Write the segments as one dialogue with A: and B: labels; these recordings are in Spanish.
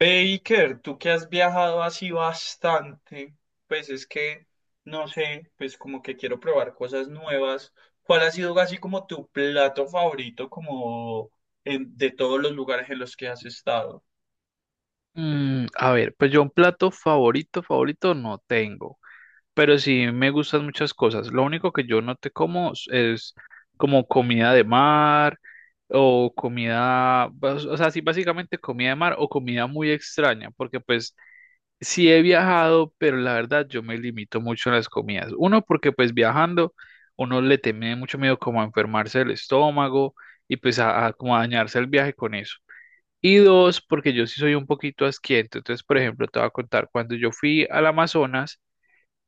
A: Baker, tú que has viajado así bastante, pues es que, no sé, pues como que quiero probar cosas nuevas. ¿Cuál ha sido así como tu plato favorito como de todos los lugares en los que has estado?
B: A ver, pues yo un plato favorito, favorito no tengo, pero sí me gustan muchas cosas. Lo único que yo no te como es como comida de mar o comida, o sea, sí, básicamente comida de mar o comida muy extraña, porque pues sí he viajado, pero la verdad yo me limito mucho en las comidas. Uno, porque pues viajando uno le tiene mucho miedo como a enfermarse el estómago y pues a como a dañarse el viaje con eso. Y dos, porque yo sí soy un poquito asquiento. Entonces, por ejemplo, te voy a contar, cuando yo fui al Amazonas,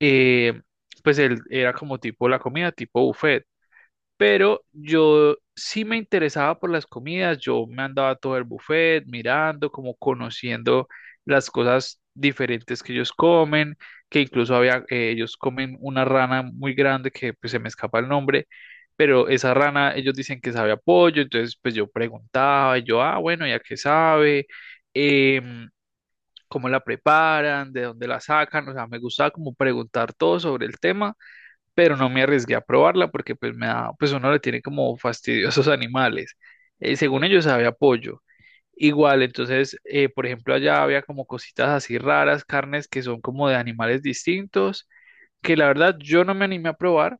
B: eh, pues él era como tipo la comida, tipo buffet. Pero yo sí me interesaba por las comidas, yo me andaba todo el buffet mirando, como conociendo las cosas diferentes que ellos comen, que incluso había, ellos comen una rana muy grande que pues, se me escapa el nombre, pero esa rana ellos dicen que sabe a pollo, entonces pues yo preguntaba, y yo, ah, bueno, ¿y a qué sabe? Em, ¿Cómo la preparan? ¿De dónde la sacan? O sea, me gustaba como preguntar todo sobre el tema, pero no me arriesgué a probarla porque pues me da, pues uno le tiene como fastidiosos animales. Según ellos había pollo. Igual, entonces, por ejemplo, allá había como cositas así raras, carnes que son como de animales distintos, que la verdad yo no me animé a probar,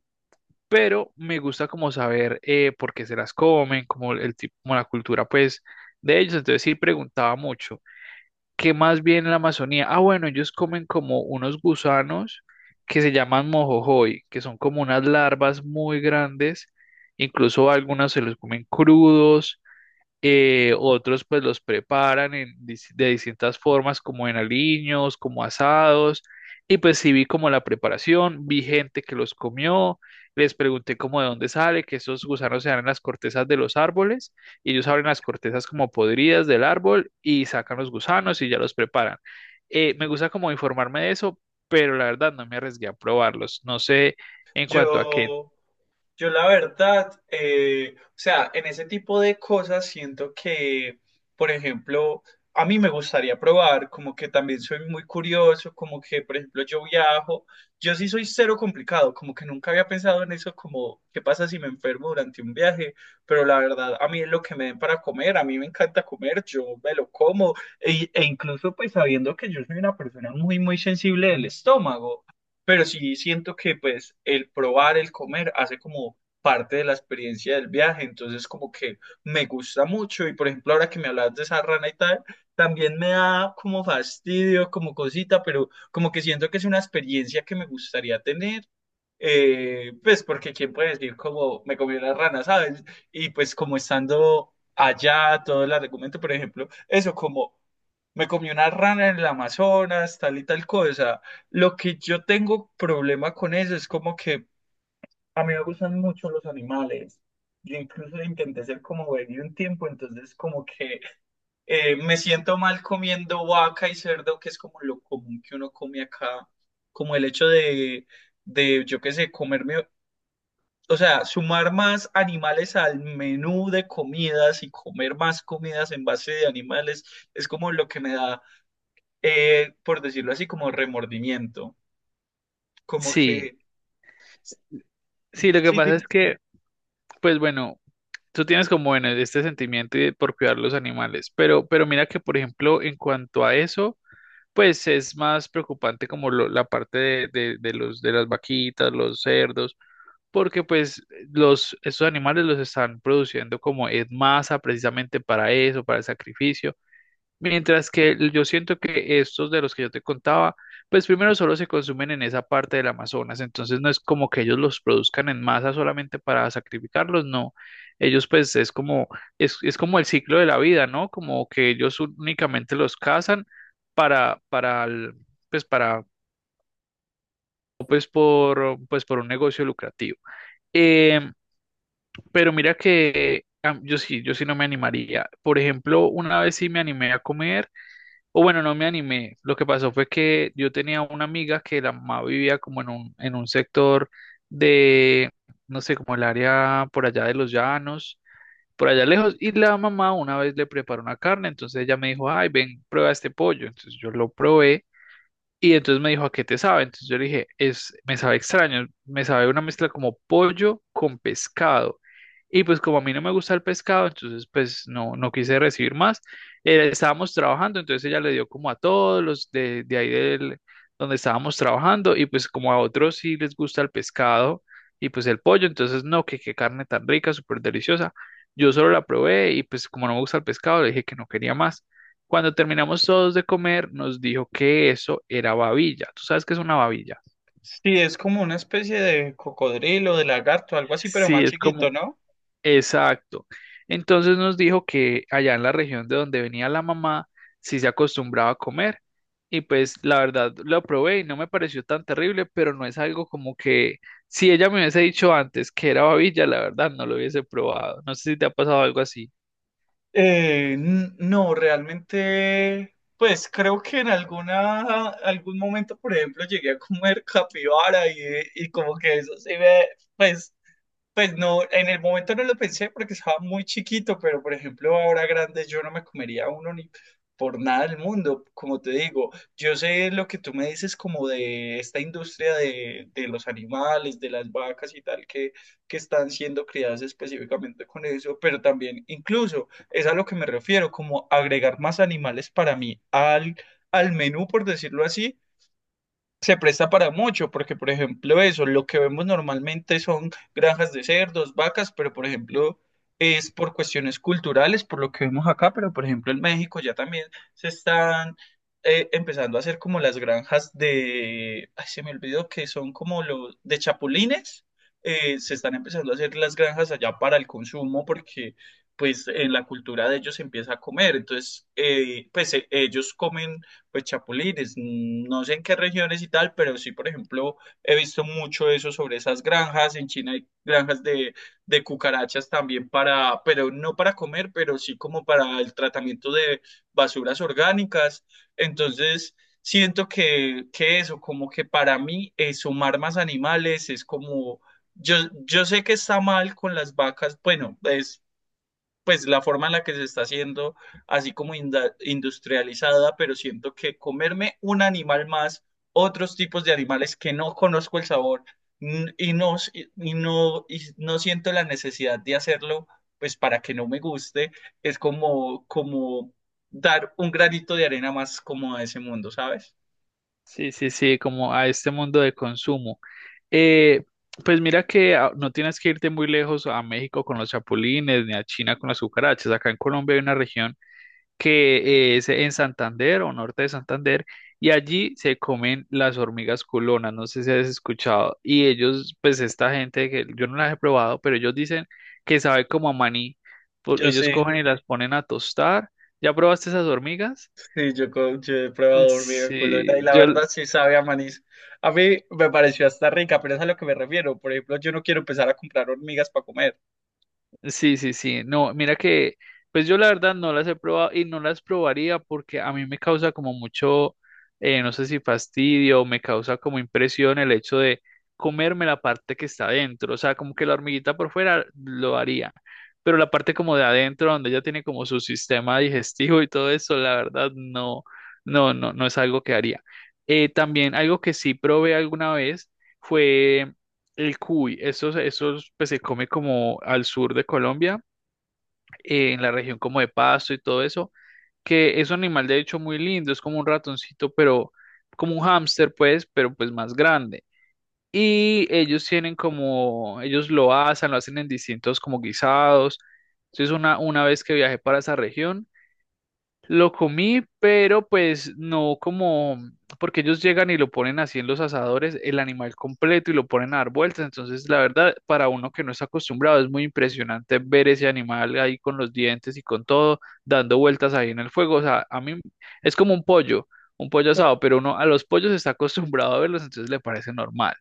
B: pero me gusta como saber por qué se las comen, como el tipo, como la cultura pues de ellos. Entonces sí preguntaba mucho. ¿Qué más bien en la Amazonía? Ah, bueno, ellos comen como unos gusanos que se llaman mojojoy, que son como unas larvas muy grandes, incluso algunas se los comen crudos, otros pues los preparan en de distintas formas, como en aliños, como asados. Y pues sí vi como la preparación, vi gente que los comió, les pregunté como de dónde sale, que esos gusanos se dan en las cortezas de los árboles, y ellos abren las cortezas como podridas del árbol y sacan los gusanos y ya los preparan. Me gusta como informarme de eso, pero la verdad no me arriesgué a probarlos. No sé en cuanto a que
A: Yo, Yo la verdad, o sea, en ese tipo de cosas siento que, por ejemplo, a mí me gustaría probar, como que también soy muy curioso, como que, por ejemplo, yo viajo, yo sí soy cero complicado, como que nunca había pensado en eso, como, ¿qué pasa si me enfermo durante un viaje? Pero la verdad, a mí es lo que me den para comer, a mí me encanta comer, yo me lo como, e incluso pues sabiendo que yo soy una persona muy sensible del estómago, pero sí siento que pues el probar, el comer hace como parte de la experiencia del viaje, entonces como que me gusta mucho. Y por ejemplo ahora que me hablas de esa rana y tal, también me da como fastidio, como cosita, pero como que siento que es una experiencia que me gustaría tener, pues porque quién puede decir como me comió la rana, ¿sabes? Y pues como estando allá, todo el argumento, por ejemplo, eso como me comió una rana en el Amazonas, tal y tal cosa. Lo que yo tengo problema con eso es como que a mí me gustan mucho los animales. Yo incluso intenté ser como veggie un tiempo, entonces como que me siento mal comiendo vaca y cerdo, que es como lo común que uno come acá, como el hecho de yo qué sé, comerme, o sea, sumar más animales al menú de comidas y comer más comidas en base de animales es como lo que me da, por decirlo así, como remordimiento. Como
B: sí,
A: que
B: sí, lo que
A: sí,
B: pasa es que, pues bueno. Tú tienes como bueno este sentimiento de- por cuidar los animales, pero mira que, por ejemplo, en cuanto a eso, pues es más preocupante como lo- la parte de los, de las vaquitas, los cerdos, porque pues los, esos animales los están produciendo como en masa precisamente para eso, para el sacrificio. Mientras que el- yo siento que estos de los que yo te contaba, pues primero solo se consumen en esa parte del Amazonas, entonces no es como que ellos los produzcan en masa solamente para sacrificarlos, no. Ellos pues es como, es como el ciclo de la vida, ¿no? Como que ellos únicamente los cazan para, el- pues para, pues por, pues por un negocio lucrativo. Em, pero mira que yo sí no me animaría. Por ejemplo, una vez sí me animé a comer. O bueno, no me animé. Lo que pasó fue que yo tenía una amiga que la mamá vivía como en un sector de, no sé, como el área por allá de los llanos, por allá lejos, y la mamá una vez le preparó una carne, entonces ella me dijo, ay, ven, prueba este pollo. Entonces yo lo probé. Y entonces me dijo, ¿a qué te sabe? Entonces yo le dije, es, me sabe extraño, me sabe una mezcla como pollo con pescado. Y pues como a mí no me gusta el pescado, entonces pues no, no quise recibir más. Estábamos trabajando, entonces ella le dio como a todos los de ahí del, donde estábamos trabajando y pues como a otros sí les gusta el pescado y pues el pollo, entonces no, que qué carne tan rica, súper deliciosa. Yo solo la probé y pues como no me gusta el pescado, le dije que no quería más. Cuando terminamos todos de comer, nos dijo que eso era babilla. ¿Tú sabes qué es una babilla?
A: sí, es como una especie de cocodrilo, de lagarto, algo así, pero
B: Sí,
A: más
B: es
A: chiquito,
B: como
A: ¿no?
B: exacto. Entonces nos dijo que allá en la región de donde venía la mamá, sí se acostumbraba a comer. Y pues la verdad lo probé y no me pareció tan terrible, pero no es algo como que si ella me hubiese dicho antes que era babilla, la verdad no lo hubiese probado. No sé si te ha pasado algo así.
A: No, realmente, pues creo que en alguna, algún momento, por ejemplo, llegué a comer capibara y como que eso sí me, pues. Pues no, en el momento no lo pensé porque estaba muy chiquito, pero por ejemplo, ahora grande yo no me comería uno ni por nada del mundo. Como te digo, yo sé lo que tú me dices como de esta industria de los animales, de las vacas y tal, que están siendo criadas específicamente con eso, pero también incluso es a lo que me refiero, como agregar más animales para mí al menú, por decirlo así, se presta para mucho, porque por ejemplo eso, lo que vemos normalmente son granjas de cerdos, vacas, pero por ejemplo es por cuestiones culturales, por lo que vemos acá, pero por ejemplo en México ya también se están empezando a hacer como las granjas de, ay, se me olvidó que son como los de chapulines, se están empezando a hacer las granjas allá para el consumo, porque pues en la cultura de ellos se empieza a comer, entonces ellos comen pues chapulines. No sé en qué regiones y tal, pero sí, por ejemplo, he visto mucho eso sobre esas granjas. En China hay granjas de cucarachas también para, pero no para comer, pero sí como para el tratamiento de basuras orgánicas. Entonces, siento que eso, como que para mí, sumar más animales es como... Yo, yo sé que está mal con las vacas, bueno, es pues la forma en la que se está haciendo, así como industrializada, pero siento que comerme un animal más, otros tipos de animales que no conozco el sabor, y no, y no siento la necesidad de hacerlo, pues para que no me guste, es como, como dar un granito de arena más como a ese mundo, ¿sabes?
B: Sí, sí, sí, como a este mundo de consumo. Eh, pues mira que ah, no tienes que irte muy lejos a México con los chapulines, ni a China con las cucarachas. Acá en Colombia hay una región que es en Santander o norte de Santander, y allí se comen las hormigas culonas, no sé si has escuchado. Y ellos, pues esta gente, que yo no las he probado, pero ellos dicen que sabe como a maní.
A: Yo
B: Ellos
A: sí.
B: cogen y las ponen a tostar. ¿Ya probaste esas hormigas?
A: Sí, yo he probado hormiga culona y
B: Sí,
A: la
B: yo,
A: verdad sí sabe a manís. A mí me pareció hasta rica, pero es a lo que me refiero. Por ejemplo, yo no quiero empezar a comprar hormigas para comer.
B: sí, sí, sí. No, mira que, pues yo la verdad no las he probado y no las probaría porque a mí me causa como mucho, no sé si fastidio, me causa como impresión el hecho de comerme la parte que está adentro. O sea, como que la hormiguita por fuera lo haría, pero la parte como de adentro, donde ella tiene como su sistema digestivo y todo eso, la verdad no, no es algo que haría. También algo que sí probé alguna vez fue el cuy, eso, eso pues, se come como al sur de Colombia, en la región como de Pasto y todo eso, que es un animal de hecho muy lindo, es como un ratoncito, pero como un hámster pues, pero pues más grande. Y ellos tienen como, ellos lo asan, lo hacen en distintos como guisados. Entonces una vez que viajé para esa región, lo comí, pero pues no como, porque ellos llegan y lo ponen así en los asadores, el animal completo y lo ponen a dar vueltas. Entonces, la verdad, para uno que no está acostumbrado, es muy impresionante ver ese animal ahí con los dientes y con todo, dando vueltas ahí en el fuego. O sea, a mí es como un pollo
A: Claro.
B: asado, pero uno a los pollos está acostumbrado a verlos, entonces le parece normal.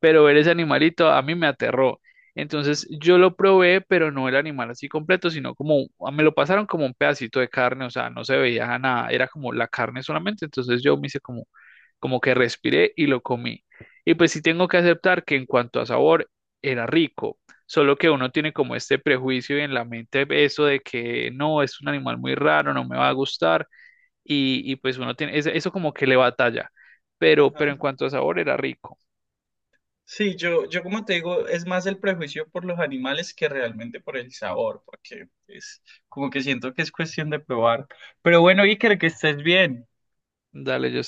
B: Pero ver ese animalito a mí me aterró. Entonces yo lo probé, pero no el animal así completo, sino como me lo pasaron como un pedacito de carne, o sea, no se veía nada, era como la carne solamente, entonces yo me hice como, como que respiré y lo comí. Y pues sí tengo que aceptar que en cuanto a sabor era rico, solo que uno tiene como este prejuicio en la mente eso de que no, es un animal muy raro, no me va a gustar y pues uno tiene eso como que le batalla,
A: Ajá.
B: pero en cuanto a sabor era rico.
A: Sí, yo como te digo, es más el prejuicio por los animales que realmente por el sabor, porque es como que siento que es cuestión de probar. Pero bueno, Iker, que estés bien.
B: Dale, yo